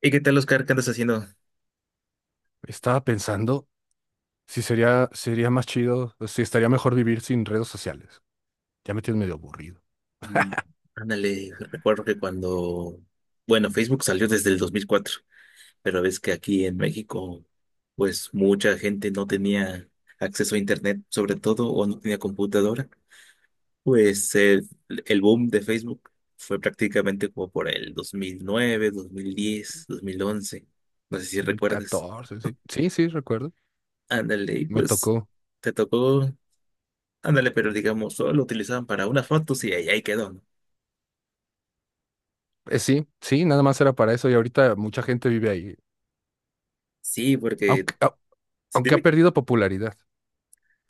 ¿Y qué tal, Oscar? ¿Qué andas haciendo? Estaba pensando si sería más chido, o si estaría mejor vivir sin redes sociales. Ya me tienes medio aburrido. Mm. Ándale, recuerdo que bueno, Facebook salió desde el 2004, pero ves que aquí en México, pues mucha gente no tenía acceso a Internet, sobre todo, o no tenía computadora. Pues el boom de Facebook fue prácticamente como por el 2009, 2010, 2011. No sé si recuerdas. 2014, sí. Sí, sí, recuerdo. Ándale, y Me pues tocó. te tocó, ándale, pero digamos, solo lo utilizaban para unas fotos y ahí quedó, ¿no? Sí, sí, nada más era para eso y ahorita mucha gente vive ahí. Sí, porque Aunque, au- si te aunque ha ve, perdido popularidad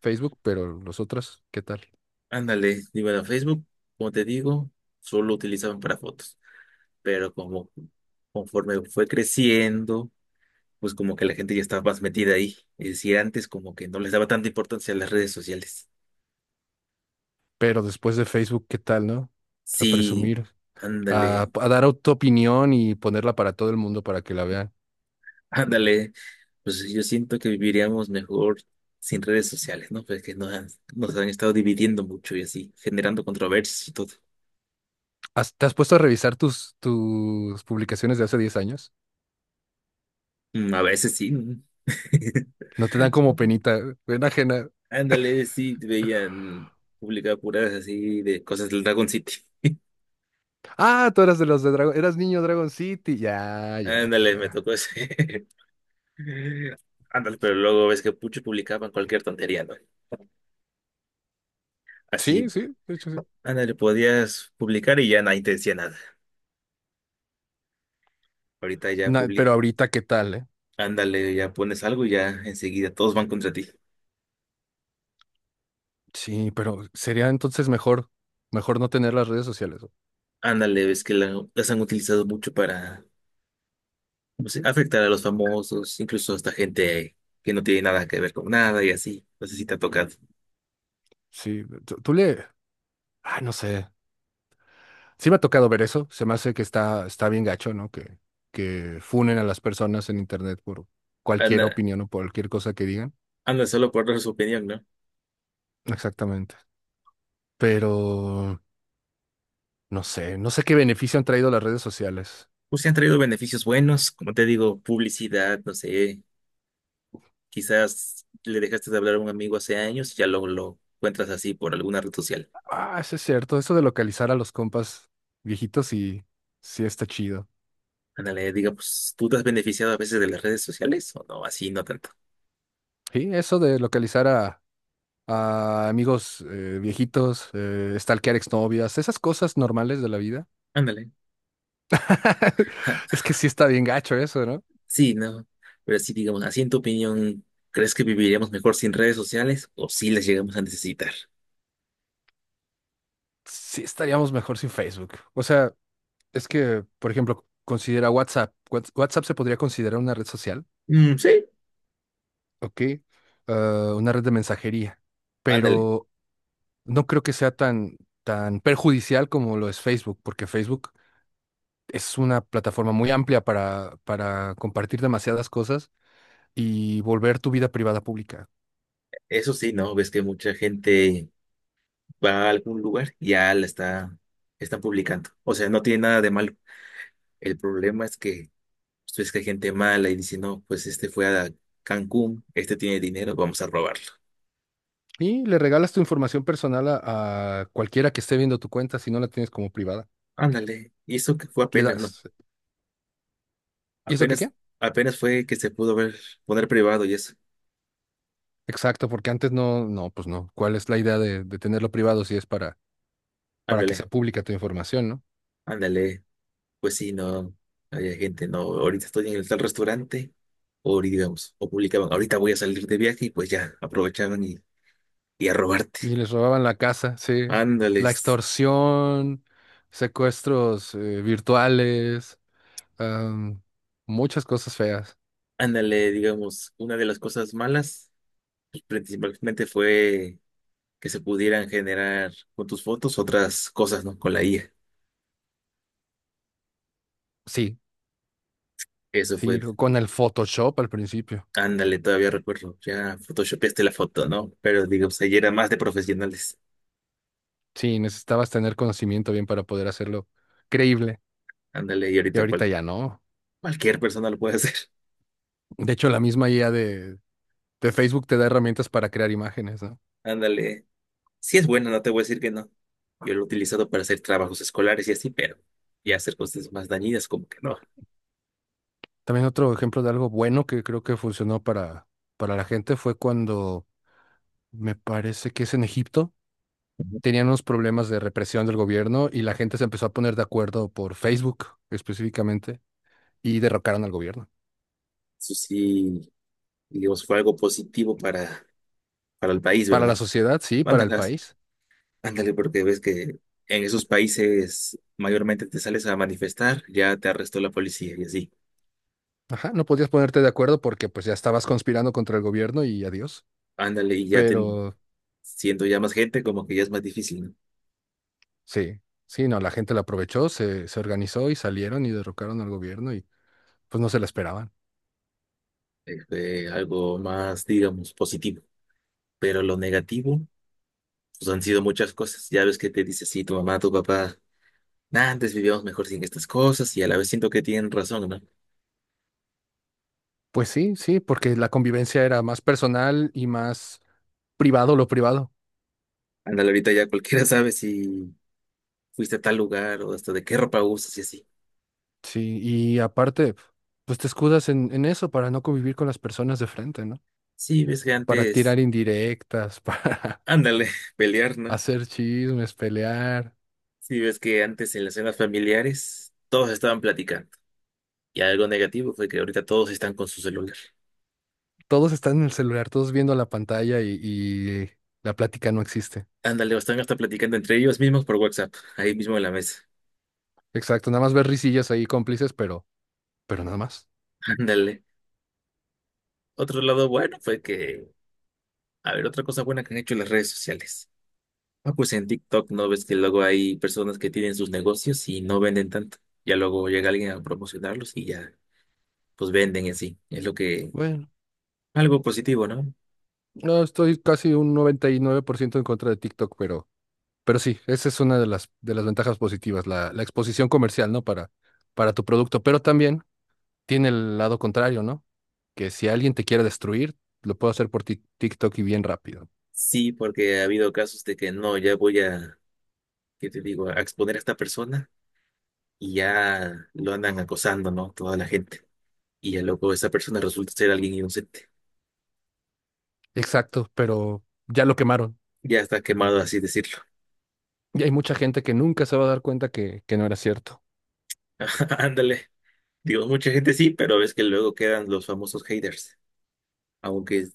Facebook, pero los otros, ¿qué tal? ándale, digo, a Facebook, como te digo, solo lo utilizaban para fotos, pero como conforme fue creciendo, pues como que la gente ya estaba más metida ahí. Es decir, antes como que no les daba tanta importancia a las redes sociales. Pero después de Facebook, ¿qué tal, no? O sea, Sí, presumir, a, ándale, a dar tu opinión y ponerla para todo el mundo para que la vean. ándale, pues yo siento que viviríamos mejor sin redes sociales, ¿no? Pues que nos han estado dividiendo mucho y así, generando controversias y todo. ¿Te has puesto a revisar tus publicaciones de hace 10 años? Mm. A veces sí. No te dan como penita, pena ajena. Ándale, sí, veían publicar puras así de cosas del Dragon City. Ah, tú eras de los de Dragon, eras niño Dragon City. Ya, ya, Ándale, me ya. tocó ese. Ándale, pero luego ves que muchos publicaban cualquier tontería, ¿no? Así, Sí, sí, de hecho sí. ándale, podías publicar y ya nadie te decía nada. Ahorita ya Na- publica, pero ahorita, ¿qué tal, eh? ándale, ya pones algo y ya enseguida todos van contra ti. Sí, pero sería entonces mejor no tener las redes sociales, ¿no? Ándale, ves que las han utilizado mucho para, no sé, afectar a los famosos, incluso hasta gente que no tiene nada que ver con nada y así. No sé si te ha tocado. Sí, tú le, ah, no sé. Sí me ha tocado ver eso. Se me hace que está bien gacho, ¿no? Que funen a las personas en internet por cualquier Anda, opinión o por cualquier cosa que digan. anda solo por dar su opinión, ¿no? Exactamente. Pero no sé qué beneficio han traído las redes sociales. Pues se han traído beneficios buenos, como te digo, publicidad, no sé, quizás le dejaste de hablar a un amigo hace años y ya lo encuentras así por alguna red social. Ah, eso es cierto. Eso de localizar a los compas viejitos sí, sí está chido. Ándale, diga, pues, ¿tú te has beneficiado a veces de las redes sociales o no? Así no tanto. Sí, eso de localizar a amigos viejitos, stalkear exnovias, esas cosas normales de la vida. Ándale. Ja. Es que sí está bien gacho eso, ¿no? Sí, no. Pero sí, digamos, así en tu opinión, ¿crees que viviríamos mejor sin redes sociales o sí las llegamos a necesitar? Sí estaríamos mejor sin Facebook. O sea, es que, por ejemplo, considera WhatsApp. WhatsApp se podría considerar una red social, Mm, sí. ¿ok? Ah, una red de mensajería. Ándale. Pero no creo que sea tan perjudicial como lo es Facebook, porque Facebook es una plataforma muy amplia para compartir demasiadas cosas y volver tu vida privada pública. Eso sí, ¿no? Ves que mucha gente va a algún lugar y ya la está, están publicando. O sea, no tiene nada de malo. El problema es que pues que hay gente mala y dice, no, pues este fue a Cancún, este tiene dinero, vamos a robarlo. Y le regalas tu información personal a cualquiera que esté viendo tu cuenta si no la tienes como privada. Ándale. Y eso que fue Le apenas, ¿no? das, ¿y eso qué Apenas, qué? apenas fue que se pudo ver, poner privado y eso. Exacto, porque antes no, no, pues no. ¿Cuál es la idea de tenerlo privado si es para que sea Ándale, pública tu información, ¿no? ándale. Pues sí, no, había gente, no, ahorita estoy en el tal restaurante, o digamos, o publicaban, ahorita voy a salir de viaje y pues ya, aprovechaban y a robarte. Y les robaban la casa, sí. La Ándales, extorsión, secuestros virtuales, am, muchas cosas feas. ándale, digamos, una de las cosas malas, pues, principalmente fue que se pudieran generar con tus fotos otras cosas, ¿no? Con la IA. Sí, Eso fue, sí, con el Photoshop al principio. ándale, todavía recuerdo, ya photoshopeaste la foto, ¿no? Pero digo, o sea, ya era más de profesionales. Sí, necesitabas tener conocimiento bien para poder hacerlo creíble. Ándale, y Y ahorita ahorita ya no. cualquier persona lo puede hacer. De hecho, la misma IA de Facebook te da herramientas para crear imágenes, ¿no? Ándale. Si es bueno, no te voy a decir que no. Yo lo he utilizado para hacer trabajos escolares y así, pero ya hacer cosas más dañinas, como que no. También otro ejemplo de algo bueno que creo que funcionó para la gente fue cuando, me parece que es en Egipto, Ujú. tenían unos problemas de represión del gobierno y la gente se empezó a poner de acuerdo por Facebook específicamente y derrocaron al gobierno. Eso sí, digamos, fue algo positivo para el país, Para la ¿verdad? sociedad, sí, para el Mándalas. país. Ándale, porque ves que en esos países mayormente te sales a manifestar, ya te arrestó la policía y así. Ajá, no podías ponerte de acuerdo porque pues ya estabas conspirando contra el gobierno y adiós. Ándale, y ya te, Pero siendo ya más gente, como que ya es más difícil, ¿no? sí, sí, no, la gente la aprovechó, se organizó y salieron y derrocaron al gobierno y pues no se la esperaban. Este, algo más, digamos, positivo. Pero lo negativo, pues han sido muchas cosas. Ya ves que te dice, sí, tu mamá, tu papá, "Nah, antes vivíamos mejor sin estas cosas" y a la vez siento que tienen razón, ¿no? Pues sí, sí, porque la convivencia era más personal y más privado lo privado. Ándale, ahorita ya cualquiera sabe si fuiste a tal lugar o hasta de qué ropa usas y así. Sí, y aparte, pues te escudas en eso para no convivir con las personas de frente, ¿no? Sí, ves que Para antes, tirar indirectas, para ándale, pelear, ¿no? hacer chismes, pelear. Sí, ves que antes en las cenas familiares todos estaban platicando. Y algo negativo fue que ahorita todos están con su celular. Todos están en el celular, todos viendo la pantalla y la plática no existe. Ándale, o están hasta platicando entre ellos mismos por WhatsApp, ahí mismo en la mesa. Exacto, nada más ver risillas ahí cómplices, pero nada más. Ándale. Otro lado bueno fue que, a ver, otra cosa buena que han hecho las redes sociales. Ah, pues en TikTok no ves que luego hay personas que tienen sus negocios y no venden tanto. Ya luego llega alguien a promocionarlos y ya, pues venden en sí. Es lo que, Bueno, algo positivo, ¿no? no, estoy casi un 99% en contra de TikTok, pero sí, esa es una de las ventajas positivas, la exposición comercial, ¿no? Para tu producto, pero también tiene el lado contrario, ¿no? Que si alguien te quiere destruir, lo puedo hacer por TikTok y bien rápido. Sí, porque ha habido casos de que no, ya voy a, ¿qué te digo?, a exponer a esta persona y ya lo andan acosando, ¿no? Toda la gente. Y el loco, esa persona resulta ser alguien inocente. Exacto, pero ya lo quemaron. Ya está quemado, así decirlo. Y hay mucha gente que nunca se va a dar cuenta que no era cierto. Ándale. Digo, mucha gente sí, pero ves que luego quedan los famosos haters. Aunque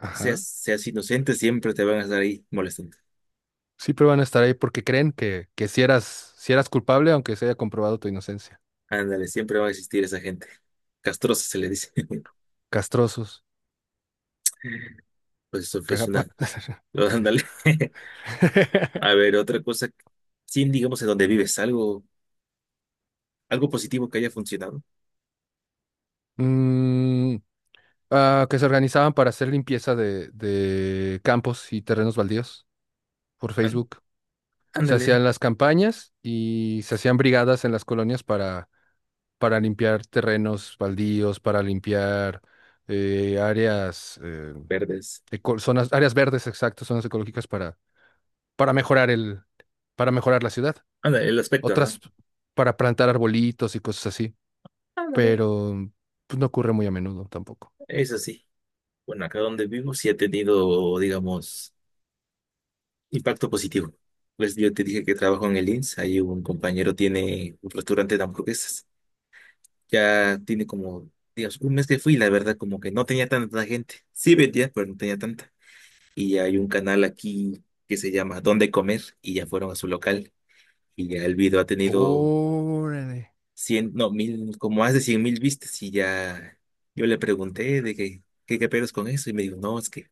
Ajá. seas inocente, siempre te van a estar ahí molestando. Siempre van a estar ahí porque creen que si eras, si eras culpable, aunque se haya comprobado tu inocencia. Ándale, siempre va a existir esa gente. Castrosa se le dice. Castrosos, Pues eso fue una. cagapa. Ándale. A ver, otra cosa. Sin digamos en donde vives, algo positivo que haya funcionado. Mm, ah, que se organizaban para hacer limpieza de campos y terrenos baldíos por Án- Facebook. Se Ándale, hacían las campañas y se hacían brigadas en las colonias para limpiar terrenos baldíos, para limpiar áreas, verdes. Zonas, áreas verdes, exacto, zonas ecológicas para mejorar la ciudad. Ándale, el aspecto, ¿no? Otras para plantar arbolitos y cosas así, Ándale. pero pues, no ocurre muy a menudo tampoco. Eso sí. Bueno, acá donde vivo sí ha tenido, digamos, impacto positivo. Pues yo te dije que trabajo en el INS, ahí un compañero tiene un restaurante de hamburguesas. Ya tiene como, digamos, un mes que fui, la verdad, como que no tenía tanta gente. Sí vendía, pero no tenía tanta. Y hay un canal aquí que se llama Dónde Comer y ya fueron a su local. Y ya el video ha tenido Órale. 100 no, mil, como más de 100,000 vistas y ya yo le pregunté de que, qué pedos con eso y me dijo, no, es que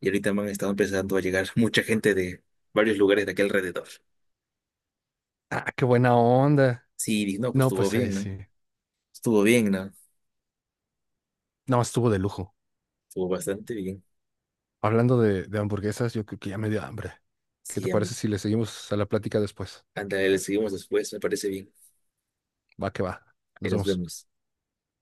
y ahorita me han estado empezando a llegar mucha gente de varios lugares de aquí alrededor. Ah, qué buena onda. Sí, dije, no, pues No, estuvo pues ahí bien, ¿no? sí. Estuvo bien, ¿no? No, estuvo de lujo. Estuvo bastante bien. Hablando de hamburguesas, yo creo que ya me dio hambre. ¿Qué te Sí, a parece mí. si le seguimos a la plática después? Ándale, le seguimos después, me parece bien. Va que va. Ahí Nos nos vemos. vemos.